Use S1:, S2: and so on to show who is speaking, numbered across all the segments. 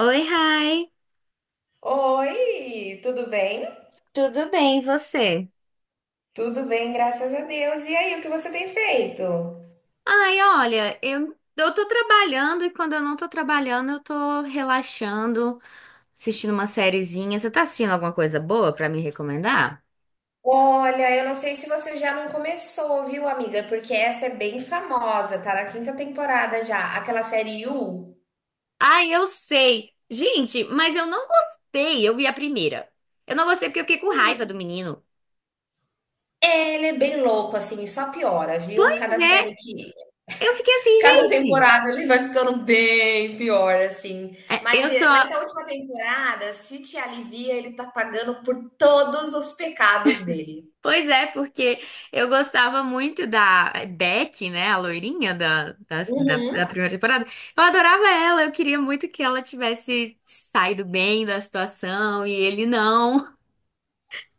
S1: Oi, Rai.
S2: Oi, tudo bem?
S1: Tudo bem, e você?
S2: Tudo bem, graças a Deus. E aí, o que você tem feito?
S1: Olha, eu tô trabalhando e quando eu não tô trabalhando, eu tô relaxando, assistindo uma sériezinha. Você tá assistindo alguma coisa boa pra me recomendar?
S2: Olha, eu não sei se você já não começou, viu, amiga? Porque essa é bem famosa, tá na quinta temporada já. Aquela série You,
S1: Ai, eu sei. Gente, mas eu não gostei. Eu vi a primeira. Eu não gostei porque eu fiquei com raiva do menino.
S2: é, ele é bem louco, assim, e só piora, viu?
S1: Pois
S2: Cada
S1: é,
S2: série que.
S1: eu fiquei assim,
S2: Cada
S1: gente.
S2: temporada ele vai ficando bem pior, assim. Mas
S1: Eu sou.
S2: nessa última temporada, se te alivia, ele tá pagando por todos os pecados dele.
S1: Pois é, porque eu gostava muito da Beck, né? A loirinha da primeira temporada. Eu adorava ela, eu queria muito que ela tivesse saído bem da situação e ele não.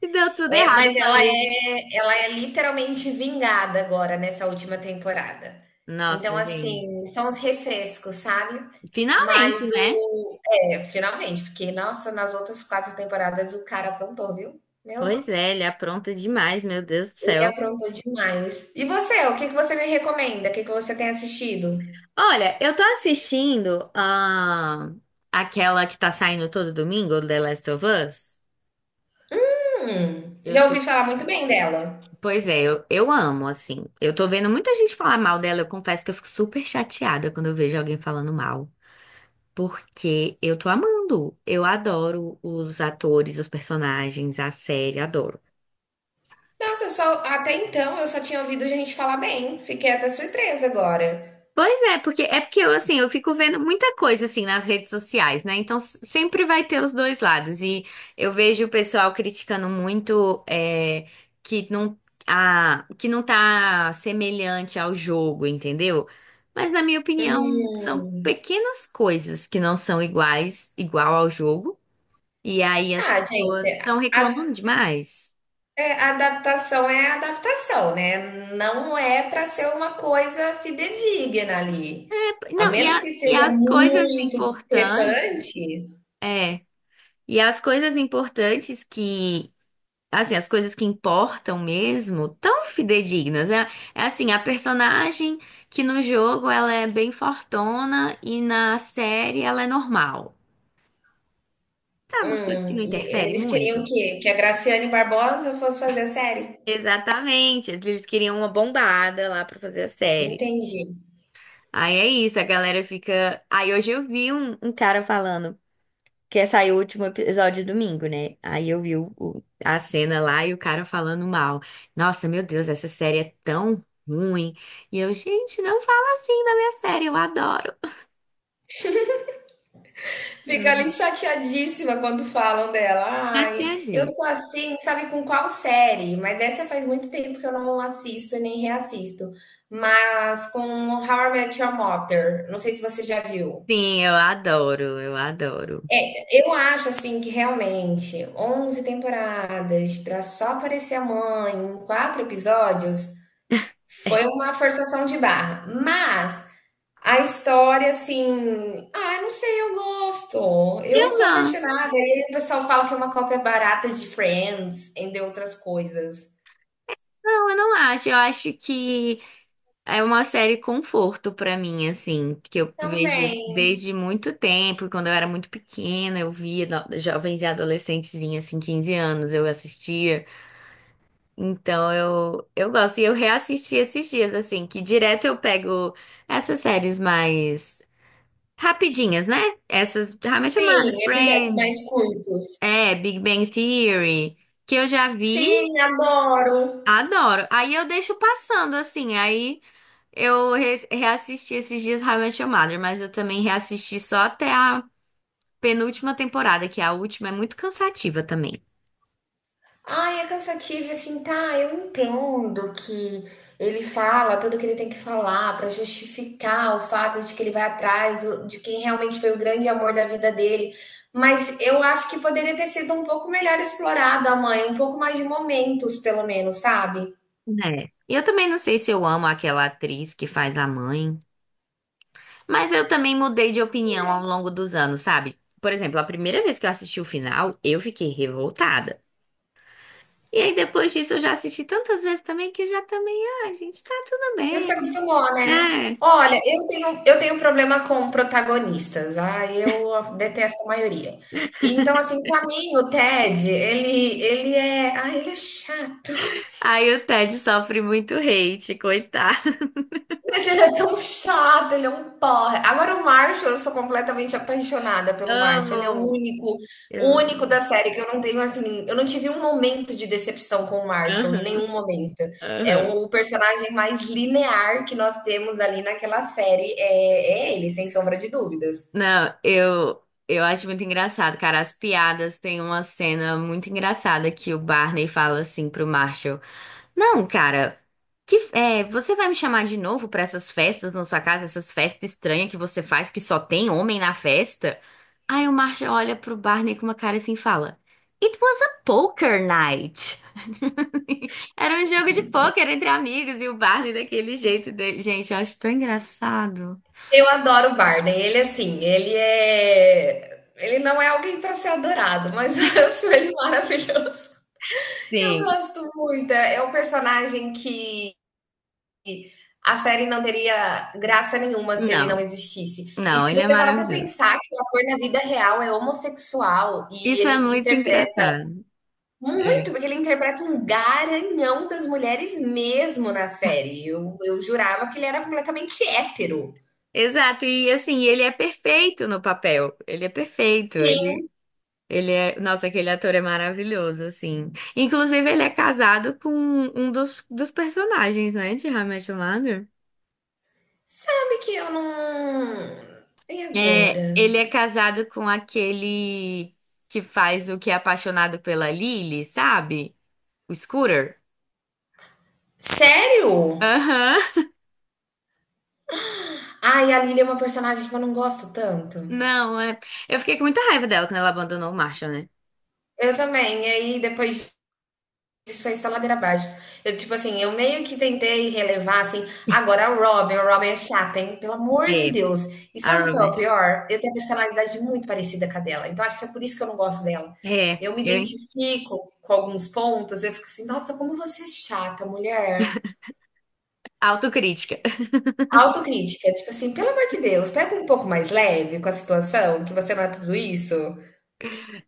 S1: E deu tudo
S2: É,
S1: errado, eu
S2: mas
S1: falei.
S2: ela é literalmente vingada agora nessa última temporada. Então,
S1: Nossa, gente.
S2: assim, são os refrescos, sabe?
S1: Finalmente,
S2: Mas
S1: né?
S2: o. É, finalmente, porque, nossa, nas outras quatro temporadas o cara aprontou, viu? Meu
S1: Pois
S2: Deus.
S1: é, ele apronta demais, meu Deus do
S2: Ele
S1: céu.
S2: aprontou demais. E você, o que você me recomenda? O que você tem assistido?
S1: Olha, eu tô assistindo aquela que tá saindo todo domingo, The Last of Us. Eu
S2: Já
S1: tô
S2: ouvi falar muito bem dela.
S1: Pois é, eu amo, assim. Eu tô vendo muita gente falar mal dela. Eu confesso que eu fico super chateada quando eu vejo alguém falando mal. Porque eu tô amando. Eu adoro os atores, os personagens, a série, adoro.
S2: Nossa, até então eu só tinha ouvido gente falar bem. Fiquei até surpresa agora.
S1: Pois é porque eu assim, eu fico vendo muita coisa assim nas redes sociais, né? Então sempre vai ter os dois lados. E eu vejo o pessoal criticando muito que não que não tá semelhante ao jogo, entendeu? Mas na minha opinião, são
S2: Hum.
S1: pequenas coisas que não são iguais, igual ao jogo. E aí as
S2: Ah, gente,
S1: pessoas estão
S2: a
S1: reclamando demais.
S2: é, a adaptação é a adaptação, né? Não é para ser uma coisa fidedigna ali. A
S1: Não, e,
S2: menos que
S1: e
S2: esteja
S1: as coisas
S2: muito
S1: importantes,
S2: discrepante.
S1: é, e as coisas importantes que assim, as coisas que importam mesmo, tão fidedignas. É, é assim, a personagem que no jogo ela é bem fortona e na série ela é normal. Sabe, umas coisas que não
S2: E
S1: interferem
S2: eles queriam
S1: muito.
S2: que a Graciane Barbosa fosse fazer a série.
S1: Exatamente, eles queriam uma bombada lá pra fazer a
S2: Não
S1: série.
S2: entendi.
S1: Aí é isso, a galera fica. Aí hoje eu vi um cara falando. Que saiu o último episódio domingo, né? Aí eu vi a cena lá e o cara falando mal. Nossa, meu Deus, essa série é tão ruim. E eu, gente, não fala assim da minha série, eu adoro.
S2: Fica ali
S1: Uhum.
S2: chateadíssima quando falam dela.
S1: Já
S2: Ai,
S1: tinha
S2: eu
S1: dito.
S2: sou assim, sabe com qual série? Mas essa faz muito tempo que eu não assisto e nem reassisto. Mas com How I Met Your Mother. Não sei se você já viu.
S1: Sim, eu adoro, eu adoro.
S2: Eu acho assim que realmente 11 temporadas para só aparecer a mãe em quatro episódios foi uma forçação de barra. Mas a história assim, ah, não sei, eu gosto. Eu
S1: Eu
S2: sou
S1: gosto.
S2: apaixonada. E aí o pessoal fala que é uma cópia barata de Friends, entre outras coisas.
S1: Não, eu não acho. Eu acho que é uma série conforto pra mim, assim, que eu vejo
S2: Também.
S1: desde muito tempo. Quando eu era muito pequena, eu via jovens e adolescentezinha, assim, 15 anos, eu assistia. Então eu gosto. E eu reassisti esses dias, assim, que direto eu pego essas séries mais rapidinhas, né? Essas, How I Met Your Mother,
S2: Sim, episódios
S1: Friends,
S2: mais curtos.
S1: Big Bang Theory, que eu já vi,
S2: Sim, adoro.
S1: adoro. Aí eu deixo passando, assim, aí eu reassisti esses dias How I Met Your Mother, mas eu também reassisti só até a penúltima temporada, que a última é muito cansativa também,
S2: Ai, é cansativo, assim, tá, eu entendo que ele fala tudo que ele tem que falar pra justificar o fato de que ele vai atrás do- de quem realmente foi o grande amor da vida dele, mas eu acho que poderia ter sido um pouco melhor explorado a mãe, um pouco mais de momentos, pelo menos, sabe?
S1: né? E eu também não sei se eu amo aquela atriz que faz a mãe. Mas eu também mudei de opinião ao longo dos anos, sabe? Por exemplo, a primeira vez que eu assisti o final, eu fiquei revoltada. E aí depois disso eu já assisti tantas vezes também que já também, ah, gente, tá tudo
S2: Já se
S1: bem.
S2: acostumou, né?
S1: É.
S2: Olha, eu tenho problema com protagonistas, ah, eu detesto a maioria. Então, assim, pra mim, o Ted, ah, ele é chato.
S1: Aí o Ted sofre muito hate, coitado.
S2: Mas ele é tão chato, ele é um porra. Agora o Marshall, eu sou completamente apaixonada pelo Marshall. Ele é
S1: Amo.
S2: o
S1: Eu...
S2: único da série que eu não tenho assim, eu não tive um momento de decepção com o Marshall em
S1: Aham,
S2: nenhum momento. É
S1: aham.
S2: um- o personagem mais linear que nós temos ali naquela série é ele, sem sombra de dúvidas.
S1: Não, eu acho muito engraçado, cara. As piadas tem uma cena muito engraçada que o Barney fala assim pro Marshall. Não, cara. Que, é, você vai me chamar de novo pra essas festas na sua casa, essas festas estranhas que você faz que só tem homem na festa? Aí o Marshall olha pro Barney com uma cara assim e fala: It was a poker night. Era um jogo de poker entre amigos e o Barney daquele jeito. Dele. Gente, eu acho tão engraçado.
S2: Eu adoro o Barney. Ele não é alguém para ser adorado, mas eu acho ele maravilhoso. Eu
S1: Sim.
S2: gosto muito. É um personagem que a série não teria graça nenhuma se ele não
S1: Não,
S2: existisse. E
S1: não,
S2: se
S1: ele é
S2: você parar para
S1: maravilhoso.
S2: pensar que o ator na vida real é homossexual e
S1: Isso é
S2: ele
S1: muito
S2: interpreta
S1: engraçado. É.
S2: muito, porque ele interpreta um garanhão das mulheres mesmo na série. Eu jurava que ele era completamente hétero.
S1: Exato, e assim, ele é perfeito no papel. Ele é perfeito.
S2: Sim.
S1: Ele é, nossa, aquele ator é maravilhoso, assim. Inclusive, ele é casado com um dos personagens, né, de How I Met Your Mother.
S2: Sabe que eu não. E
S1: É,
S2: agora?
S1: ele é casado com aquele que faz o que é apaixonado pela Lily, sabe? O Scooter.
S2: Sério?
S1: Aham.
S2: Ai, a Lily é uma personagem que eu não gosto tanto.
S1: Não, é. Eu fiquei com muita raiva dela quando ela abandonou o Marshall, né?
S2: Eu também. E aí, depois isso foi só ladeira abaixo. Eu, tipo assim, eu meio que tentei relevar, assim, agora a Robin é chata, hein? Pelo amor de
S1: É,
S2: Deus. E
S1: a
S2: sabe qual é
S1: Robin.
S2: o pior? Eu tenho a personalidade muito parecida com a dela, então acho que é por isso que eu não gosto dela.
S1: É,
S2: Eu me
S1: eu.
S2: identifico com alguns pontos, eu fico assim, nossa, como você é chata, mulher.
S1: Autocrítica.
S2: Autocrítica, tipo assim, pelo amor de Deus, pega um pouco mais leve com a situação, que você não é tudo isso.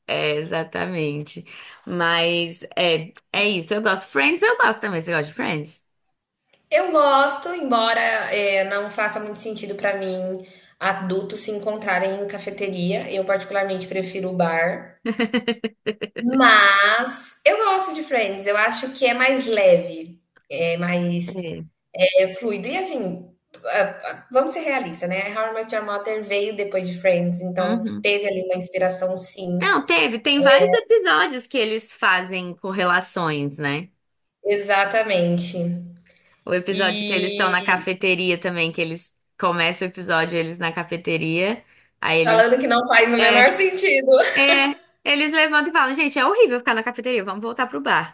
S1: É, exatamente. Mas é, é isso. Eu gosto. Friends, eu gosto também. Você gosta de Friends?
S2: Eu gosto, embora não faça muito sentido pra mim adultos se encontrarem em cafeteria. Eu particularmente prefiro o bar, mas eu gosto de Friends. Eu acho que é mais leve, é mais,
S1: É.
S2: fluido e assim. Vamos ser realistas, né? How I Met Your Mother veio depois de Friends, então
S1: Uhum.
S2: teve ali uma inspiração, sim.
S1: Não, teve, tem vários episódios que eles fazem correlações, né?
S2: Exatamente.
S1: O episódio que eles estão na
S2: E
S1: cafeteria também, que eles começam o episódio eles na cafeteria, aí eles
S2: falando que não faz o menor
S1: é,
S2: sentido.
S1: é, eles levantam e falam, gente, é horrível ficar na cafeteria, vamos voltar pro bar.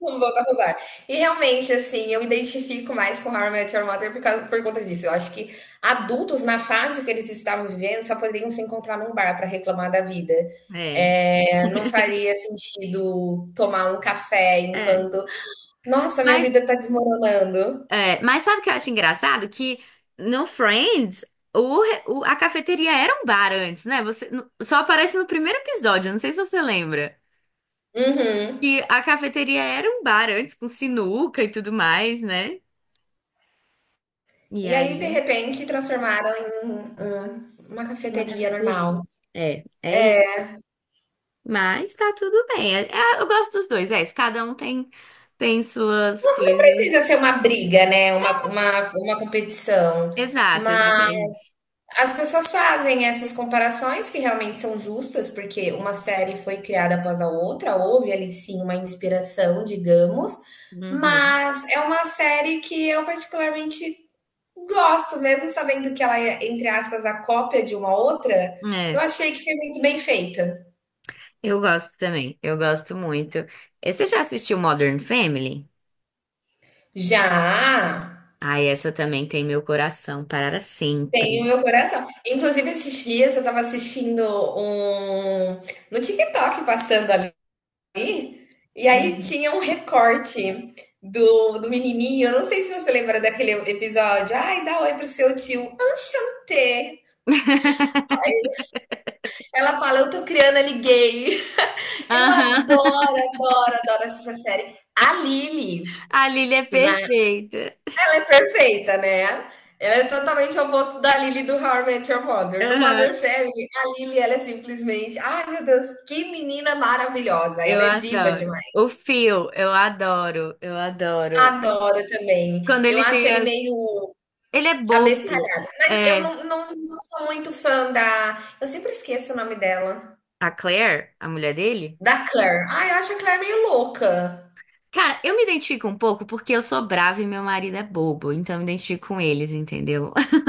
S2: Vamos voltar pro bar. E realmente, assim, eu me identifico mais com How I Met Your Mother por causa, por conta disso. Eu acho que adultos, na fase que eles estavam vivendo, só poderiam se encontrar num bar para reclamar da vida.
S1: É,
S2: É, não faria sentido tomar um café
S1: é.
S2: enquanto. Nossa, minha
S1: Mas,
S2: vida tá desmoronando.
S1: é, mas sabe o que eu acho engraçado? Que no Friends, a cafeteria era um bar antes, né? Você, só aparece no primeiro episódio, não sei se você lembra.
S2: Uhum.
S1: Que a cafeteria era um bar antes, com sinuca e tudo mais, né? E
S2: E aí, de
S1: aí,
S2: repente, transformaram em uma
S1: uma
S2: cafeteria normal.
S1: cafeteria. É, é isso. Mas tá tudo bem. É, é, eu gosto dos dois, é isso. Cada um tem, tem suas
S2: Não, não
S1: coisas.
S2: precisa ser uma briga, né? Uma competição.
S1: Exato,
S2: Mas
S1: exatamente.
S2: as pessoas fazem essas comparações que realmente são justas, porque uma série foi criada após a outra, houve ali sim uma inspiração, digamos,
S1: Uhum.
S2: mas é uma série que eu particularmente gosto, mesmo sabendo que ela é, entre aspas, a cópia de uma outra, eu
S1: É,
S2: achei que foi muito bem feita.
S1: eu gosto também. Eu gosto muito. Você já assistiu Modern Family?
S2: Já
S1: Ah, essa também tem meu coração para
S2: tem o
S1: sempre.
S2: meu coração. Inclusive, esses dias eu estava assistindo um no TikTok passando ali. E aí
S1: Uhum.
S2: tinha um recorte do menininho, eu não sei se você lembra daquele episódio, ai, dá oi pro seu tio, enchanté. Ela fala, eu tô criando ali gay. Eu
S1: Aham.
S2: adoro, adoro essa série.
S1: A Lily é
S2: Na-
S1: perfeita.
S2: Ela é perfeita, né? Ela é totalmente o oposto da Lily do How I Met Your Mother. No
S1: Aham.
S2: Mother Family, a Lily, ela é simplesmente, ai meu Deus, que menina maravilhosa.
S1: Eu
S2: Ela é diva
S1: adoro.
S2: demais.
S1: O Phil, eu adoro, eu adoro.
S2: Adoro também.
S1: Quando
S2: Eu
S1: ele
S2: acho ele
S1: chega,
S2: meio
S1: ele é bobo.
S2: abestalhada. Mas eu
S1: É,
S2: não sou muito fã da, eu sempre esqueço o nome dela.
S1: a Claire, a mulher dele.
S2: Da Claire. Ah, eu acho a Claire meio louca.
S1: Cara, eu me identifico um pouco porque eu sou brava e meu marido é bobo, então eu me identifico com eles, entendeu?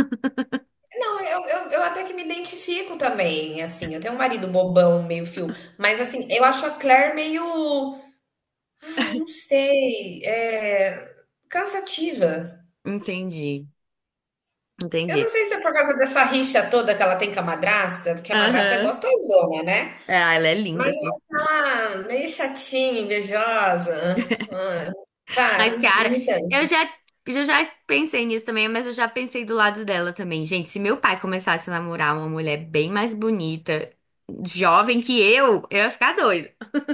S2: Não, eu até que me identifico também, assim, eu tenho um marido bobão, meio fio, mas, assim, eu acho a Claire meio, ai, não sei, cansativa.
S1: Entendi,
S2: Eu não
S1: entendi.
S2: sei se é por causa dessa rixa toda que ela tem com a madrasta, porque a madrasta é
S1: Aham.
S2: gostosona, né.
S1: Ah, ela é
S2: Mas
S1: linda,
S2: ela
S1: Sofia.
S2: tá meio chatinha, invejosa, ah,
S1: Mas,
S2: sabe,
S1: cara, eu
S2: irritante.
S1: já, eu já pensei nisso também, mas eu já pensei do lado dela também. Gente, se meu pai começasse a namorar uma mulher bem mais bonita, jovem que eu ia ficar doida.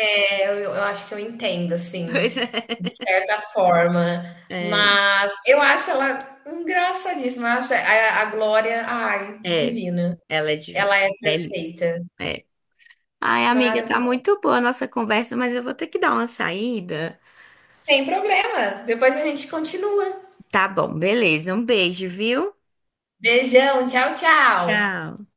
S2: É, eu acho que eu entendo, assim,
S1: Pois é.
S2: de certa forma,
S1: É,
S2: mas eu acho ela engraçadíssima, eu acho a Glória, ai,
S1: é.
S2: divina.
S1: Ela é divina.
S2: Ela é
S1: Delícia.
S2: perfeita,
S1: É. Ai, amiga, tá
S2: maravilhosa.
S1: muito boa a nossa conversa, mas eu vou ter que dar uma saída.
S2: Sem problema, depois a gente continua.
S1: Tá bom, beleza. Um beijo, viu?
S2: Beijão, tchau, tchau.
S1: Tchau.